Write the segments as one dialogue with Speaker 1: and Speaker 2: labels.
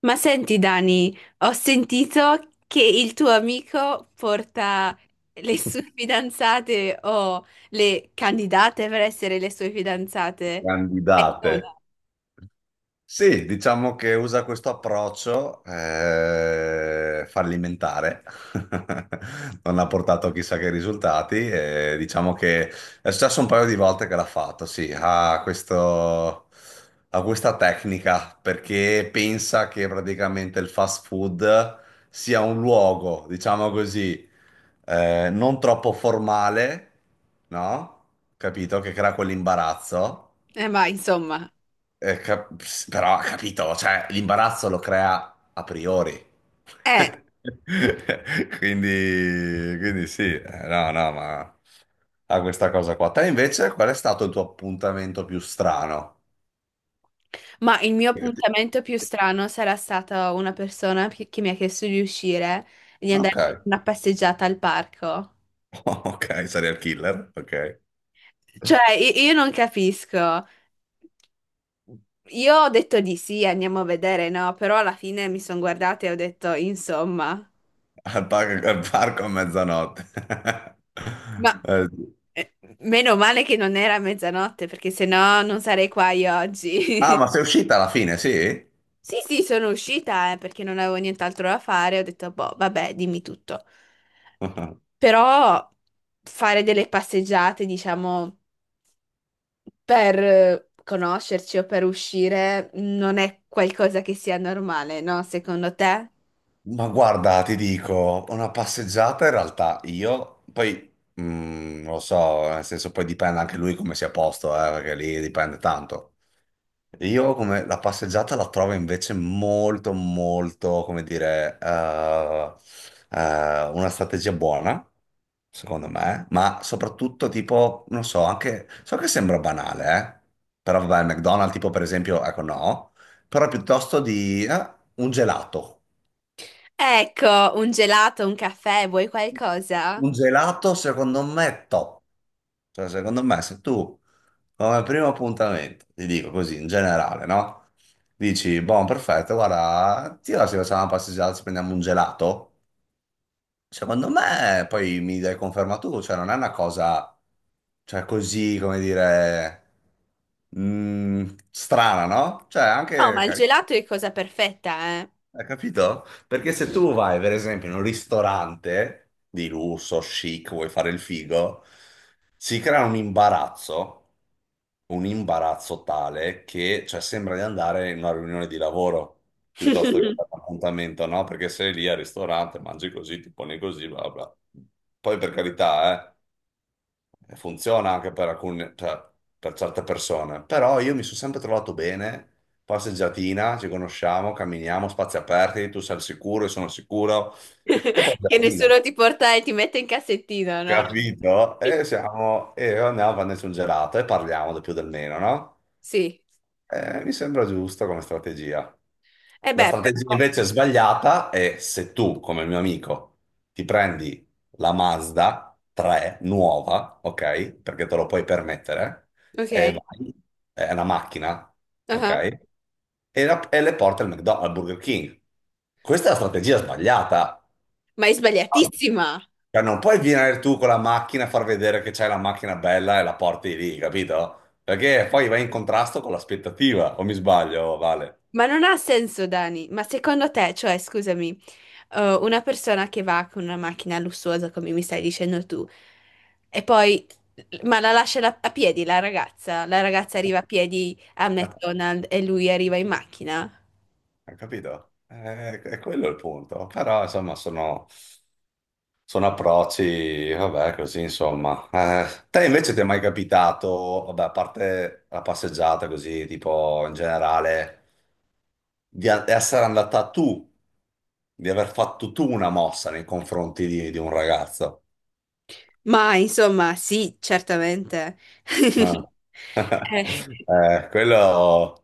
Speaker 1: Ma senti, Dani, ho sentito che il tuo amico porta le sue fidanzate o le candidate per essere le sue fidanzate.
Speaker 2: Candidate.
Speaker 1: No.
Speaker 2: Sì, diciamo che usa questo approccio fallimentare, non ha portato chissà che risultati, e diciamo che è successo un paio di volte che l'ha fatto, sì, ha questo, ha questa tecnica perché pensa che praticamente il fast food sia un luogo, diciamo così, non troppo formale, no? Capito? Che crea quell'imbarazzo
Speaker 1: Ma insomma,
Speaker 2: eh, cap- però, capito, cioè, l'imbarazzo lo crea a priori.
Speaker 1: eh,
Speaker 2: Quindi sì, no, no, ma ha questa cosa qua. Te invece, qual è stato il tuo appuntamento più strano?
Speaker 1: ma il mio
Speaker 2: Che ti-
Speaker 1: appuntamento più strano sarà stata una persona che mi ha chiesto di uscire, di
Speaker 2: Ok,
Speaker 1: andare a una passeggiata al parco.
Speaker 2: ok, serial killer, ok.
Speaker 1: Cioè, io non capisco. Io ho detto di sì, andiamo a vedere, no? Però alla fine mi sono guardata e ho detto, insomma.
Speaker 2: Al parco, a mezzanotte.
Speaker 1: Ma
Speaker 2: Sì.
Speaker 1: meno male che non era mezzanotte, perché sennò non sarei qua io
Speaker 2: Ah,
Speaker 1: oggi.
Speaker 2: ma sei uscita alla fine, sì?
Speaker 1: Sì, sì, sono uscita, perché non avevo nient'altro da fare. Ho detto, boh, vabbè, dimmi tutto. Però fare delle passeggiate, diciamo, per conoscerci o per uscire non è qualcosa che sia normale, no? Secondo te?
Speaker 2: Ma guarda, ti dico, una passeggiata in realtà io, poi mm, non lo so, nel senso poi dipende anche lui come sia a posto, perché lì dipende tanto. Io come la passeggiata la trovo invece molto, molto, come dire, una strategia buona, secondo me, ma soprattutto tipo, non so, anche, so che sembra banale, però vabbè, il McDonald's tipo per esempio, ecco no, però piuttosto di un gelato.
Speaker 1: Ecco, un gelato, un caffè, vuoi qualcosa?
Speaker 2: Un gelato secondo me è top, cioè secondo me se tu come primo appuntamento, ti dico così in generale, no? Dici, buon perfetto, guarda, ti va se facciamo una passeggiata, ci prendiamo un gelato? Secondo me poi mi dai conferma tu, cioè non è una cosa, cioè così, come dire, strana, no? Cioè
Speaker 1: No,
Speaker 2: anche
Speaker 1: ma il
Speaker 2: carina.
Speaker 1: gelato è cosa perfetta, eh.
Speaker 2: Hai capito? Perché se tu vai, per esempio, in un ristorante di lusso, chic, vuoi fare il figo, si crea un imbarazzo tale che, cioè, sembra di andare in una riunione di lavoro piuttosto che a un appuntamento, no? Perché sei lì al ristorante, mangi così, ti poni così, bla bla. Poi per carità, funziona anche per alcune, cioè, per certe persone, però io mi sono sempre trovato bene, passeggiatina, ci conosciamo, camminiamo, spazi aperti, tu sei al sicuro, io sono al sicuro, e poi
Speaker 1: Che
Speaker 2: gelatina,
Speaker 1: nessuno ti porta e ti mette in cassettino, no?
Speaker 2: capito? E andiamo a prenderci un gelato e parliamo del più del meno, no?
Speaker 1: Sì.
Speaker 2: Mi sembra giusta come strategia.
Speaker 1: E
Speaker 2: La
Speaker 1: beh,
Speaker 2: strategia
Speaker 1: però...
Speaker 2: invece sbagliata è se tu, come il mio amico, ti prendi la Mazda 3 nuova, ok? Perché te lo puoi permettere, e
Speaker 1: Ok.
Speaker 2: vai, è una macchina,
Speaker 1: Ah.
Speaker 2: ok? E le porti al McDonald's, al Burger King. Questa è la strategia sbagliata.
Speaker 1: Ma è sbagliatissima!
Speaker 2: Cioè, non puoi venire tu con la macchina a far vedere che c'hai la macchina bella e la porti lì, capito? Perché poi vai in contrasto con l'aspettativa, o mi sbaglio, Vale?
Speaker 1: Ma non ha senso, Dani. Ma secondo te, cioè, scusami, una persona che va con una macchina lussuosa, come mi stai dicendo tu, e poi... Ma la lascia a piedi la ragazza? La ragazza arriva a piedi a McDonald's e lui arriva in macchina?
Speaker 2: Hai capito? È quello il punto. Però, insomma, sono... Sono approcci, vabbè, così insomma. Te invece ti è mai capitato, vabbè, a parte la passeggiata così, tipo in generale, essere andata tu, di aver fatto tu una mossa nei confronti di un ragazzo?
Speaker 1: Ma insomma, sì, certamente.
Speaker 2: No.
Speaker 1: Eh.
Speaker 2: Eh, quello,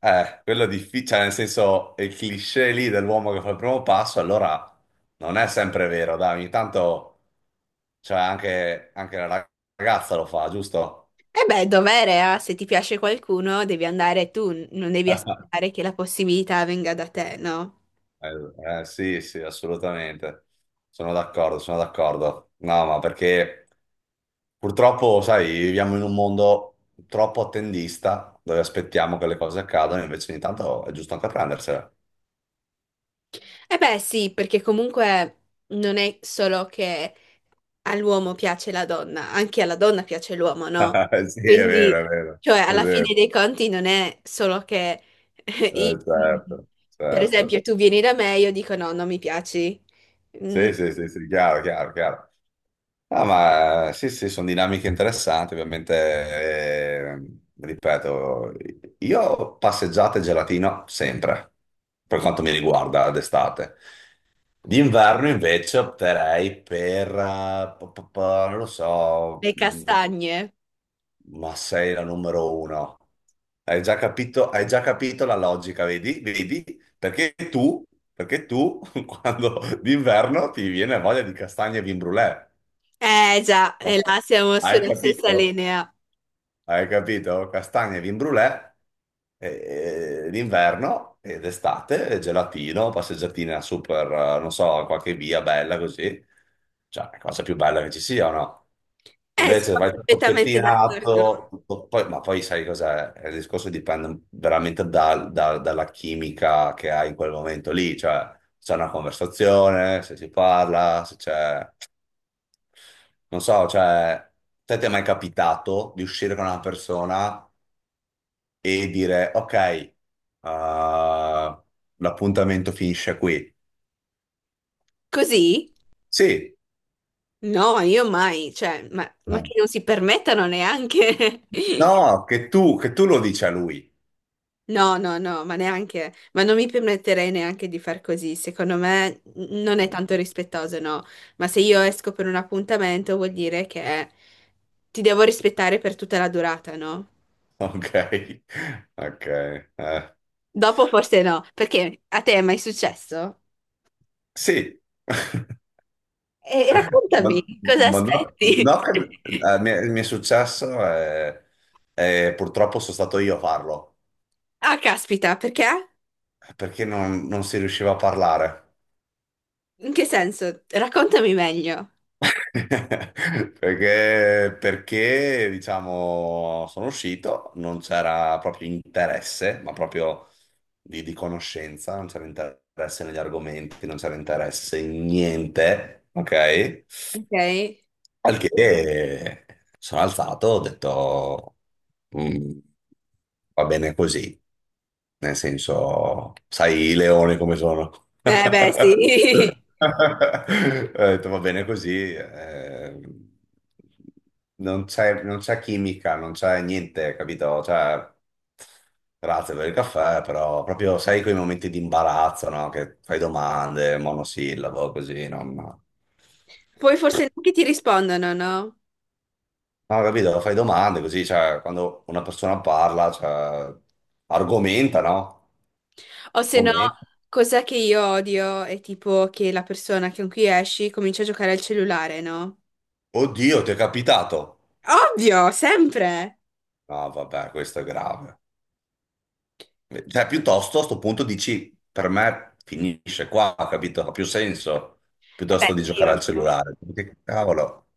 Speaker 2: quello è difficile, cioè, nel senso, il cliché lì dell'uomo che fa il primo passo, allora non è sempre vero, dai, ogni tanto, cioè anche, anche la ragazza lo fa, giusto?
Speaker 1: E beh, dovere, eh? Se ti piace qualcuno, devi andare tu, non devi
Speaker 2: Eh,
Speaker 1: aspettare che la possibilità venga da te, no?
Speaker 2: sì, sì, assolutamente. Sono d'accordo, sono d'accordo. No, ma perché purtroppo, sai, viviamo in un mondo troppo attendista dove aspettiamo che le cose accadano, invece ogni tanto è giusto anche prendersela.
Speaker 1: E beh, sì, perché comunque non è solo che all'uomo piace la donna, anche alla donna piace l'uomo, no?
Speaker 2: Sì, è vero,
Speaker 1: Quindi,
Speaker 2: è vero,
Speaker 1: cioè,
Speaker 2: è
Speaker 1: alla
Speaker 2: vero.
Speaker 1: fine dei conti non è solo che, eh, i-
Speaker 2: Certo,
Speaker 1: per esempio,
Speaker 2: certo.
Speaker 1: tu vieni da me e io dico no, non mi piaci. Mm,
Speaker 2: Sì, sì, sì, sì, chiaro, chiaro, chiaro. Ah, ma sì, sì, sono dinamiche interessanti, ovviamente, ripeto, io passeggiate e gelatino sempre, per quanto mi riguarda d'estate. D'inverno invece opterei per, non lo so,
Speaker 1: le castagne.
Speaker 2: ma sei la numero uno. Hai già capito la logica, vedi? Vedi? Perché tu, perché tu, quando d'inverno ti viene voglia di castagne e vin brûlée.
Speaker 1: Eh già, e
Speaker 2: Oh,
Speaker 1: là siamo
Speaker 2: hai
Speaker 1: sulla stessa
Speaker 2: capito?
Speaker 1: linea.
Speaker 2: Hai capito? Castagne, vin brûlée, d'inverno ed estate, gelatino, passeggiatina super, non so, qualche via bella così. Cioè, la cosa più bella che ci sia o no? Invece
Speaker 1: Sono
Speaker 2: vai tutto
Speaker 1: perfettamente d'accordo.
Speaker 2: pettinato, ma poi sai cos'è? Il discorso dipende veramente dalla chimica che hai in quel momento lì, cioè se c'è una conversazione, se si parla, se c'è... Non so, cioè, te ti è mai capitato di uscire con una persona e dire, ok, l'appuntamento finisce qui?
Speaker 1: Così?
Speaker 2: Sì.
Speaker 1: No, io mai, cioè,
Speaker 2: Eh.
Speaker 1: ma che non si permettano neanche.
Speaker 2: No, che tu lo dici a lui.
Speaker 1: No, no, no, ma neanche, ma non mi permetterei neanche di far così. Secondo me non è
Speaker 2: Mm.
Speaker 1: tanto rispettoso, no. Ma se io esco per un appuntamento vuol dire che ti devo rispettare per tutta la durata, no?
Speaker 2: Ok, ok. Eh.
Speaker 1: Dopo forse no, perché a te è mai successo?
Speaker 2: Sì.
Speaker 1: E raccontami, cosa
Speaker 2: Ma no, no
Speaker 1: aspetti?
Speaker 2: che- mi è successo e purtroppo sono stato io a farlo,
Speaker 1: Ah, caspita, perché?
Speaker 2: perché non si riusciva a parlare.
Speaker 1: In che senso? Raccontami meglio,
Speaker 2: Diciamo, sono uscito, non c'era proprio interesse, ma proprio di conoscenza, non c'era interesse negli argomenti, non c'era interesse in niente, ok?
Speaker 1: ok? Eh
Speaker 2: Al che sono alzato, ho detto, "Mm, va bene così. Nel senso, sai i leoni come sono.
Speaker 1: beh, sì.
Speaker 2: Ho detto, va bene così, non c'è non c'è chimica, non c'è niente, capito? Cioè, grazie per il caffè, però proprio sai quei momenti di imbarazzo, no? Che fai domande, monosillabo, così, no? Ma-
Speaker 1: Poi forse neanche ti rispondono, no?
Speaker 2: No, capito? Fai domande così, cioè, quando una persona parla, cioè, argomenta, no?
Speaker 1: O se no,
Speaker 2: Argomenta.
Speaker 1: cos'è che io odio è tipo che la persona che con cui esci comincia a giocare al cellulare, no?
Speaker 2: Oddio, ti è capitato?
Speaker 1: Ovvio, sempre.
Speaker 2: No, vabbè, questo è grave. Cioè, piuttosto a sto punto dici, per me finisce qua, capito? Ha più senso,
Speaker 1: Eh beh,
Speaker 2: piuttosto di
Speaker 1: sì,
Speaker 2: giocare al
Speaker 1: ovvio.
Speaker 2: cellulare. Che cavolo.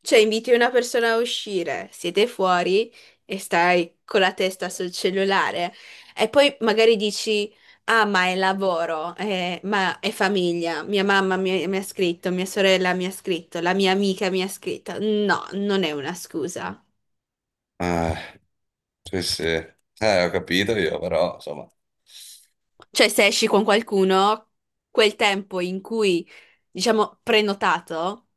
Speaker 1: Cioè, inviti una persona a uscire, siete fuori e stai con la testa sul cellulare e poi magari dici, ah, ma è lavoro, ma è famiglia, mia mamma mi ha scritto, mia sorella mi ha scritto, la mia amica mi ha scritto. No, non è una scusa.
Speaker 2: Eh, sì, sì. Ho capito io, però, insomma.
Speaker 1: Cioè, se esci con qualcuno, quel tempo in cui, diciamo, prenotato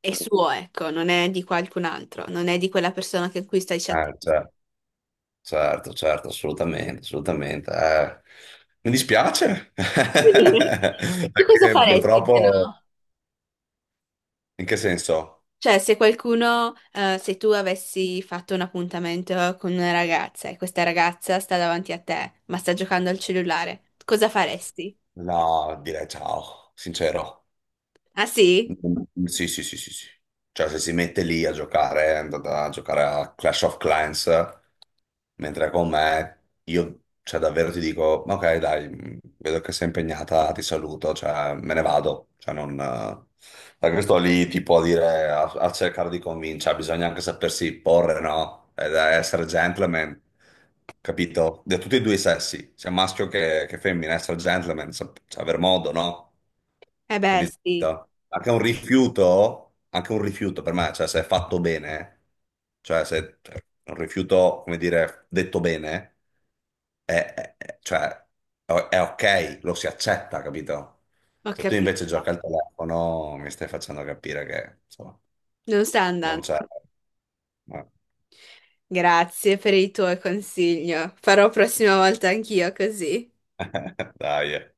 Speaker 1: è suo, ecco, non è di qualcun altro, non è di quella persona con cui stai chattando.
Speaker 2: Cioè, certo, certo, assolutamente, assolutamente. Mi dispiace,
Speaker 1: E tu cosa
Speaker 2: perché
Speaker 1: faresti se no?
Speaker 2: purtroppo, in che senso?
Speaker 1: Cioè, se qualcuno, se tu avessi fatto un appuntamento con una ragazza e questa ragazza sta davanti a te, ma sta giocando al cellulare, cosa faresti?
Speaker 2: No, direi ciao, sincero.
Speaker 1: Ah sì?
Speaker 2: Mm, sì, sì, sì, sì, sì. Cioè, se si mette lì a giocare, è andata a giocare a Clash of Clans, mentre con me, io, cioè, davvero ti dico, ok, dai, vedo che sei impegnata, ti saluto, cioè, me ne vado. Cioè, non... perché sto lì, tipo, a dire, a cercare di convincere, cioè, bisogna anche sapersi porre, no? Ed essere gentleman, capito? Da tutti e due i sessi, sia maschio che femmina, essere gentleman, cioè, aver modo, no?
Speaker 1: Eh beh,
Speaker 2: Capito?
Speaker 1: sì,
Speaker 2: Anche un rifiuto per me, cioè se è fatto bene, cioè se cioè, un rifiuto, come dire, detto bene, cioè, è ok, lo si accetta, capito?
Speaker 1: ho
Speaker 2: Se tu
Speaker 1: capito.
Speaker 2: invece giochi al telefono, mi stai facendo capire che, insomma,
Speaker 1: Non sta
Speaker 2: non
Speaker 1: andando.
Speaker 2: c'è... no.
Speaker 1: Grazie per il tuo consiglio. Farò prossima volta anch'io così.
Speaker 2: Dai.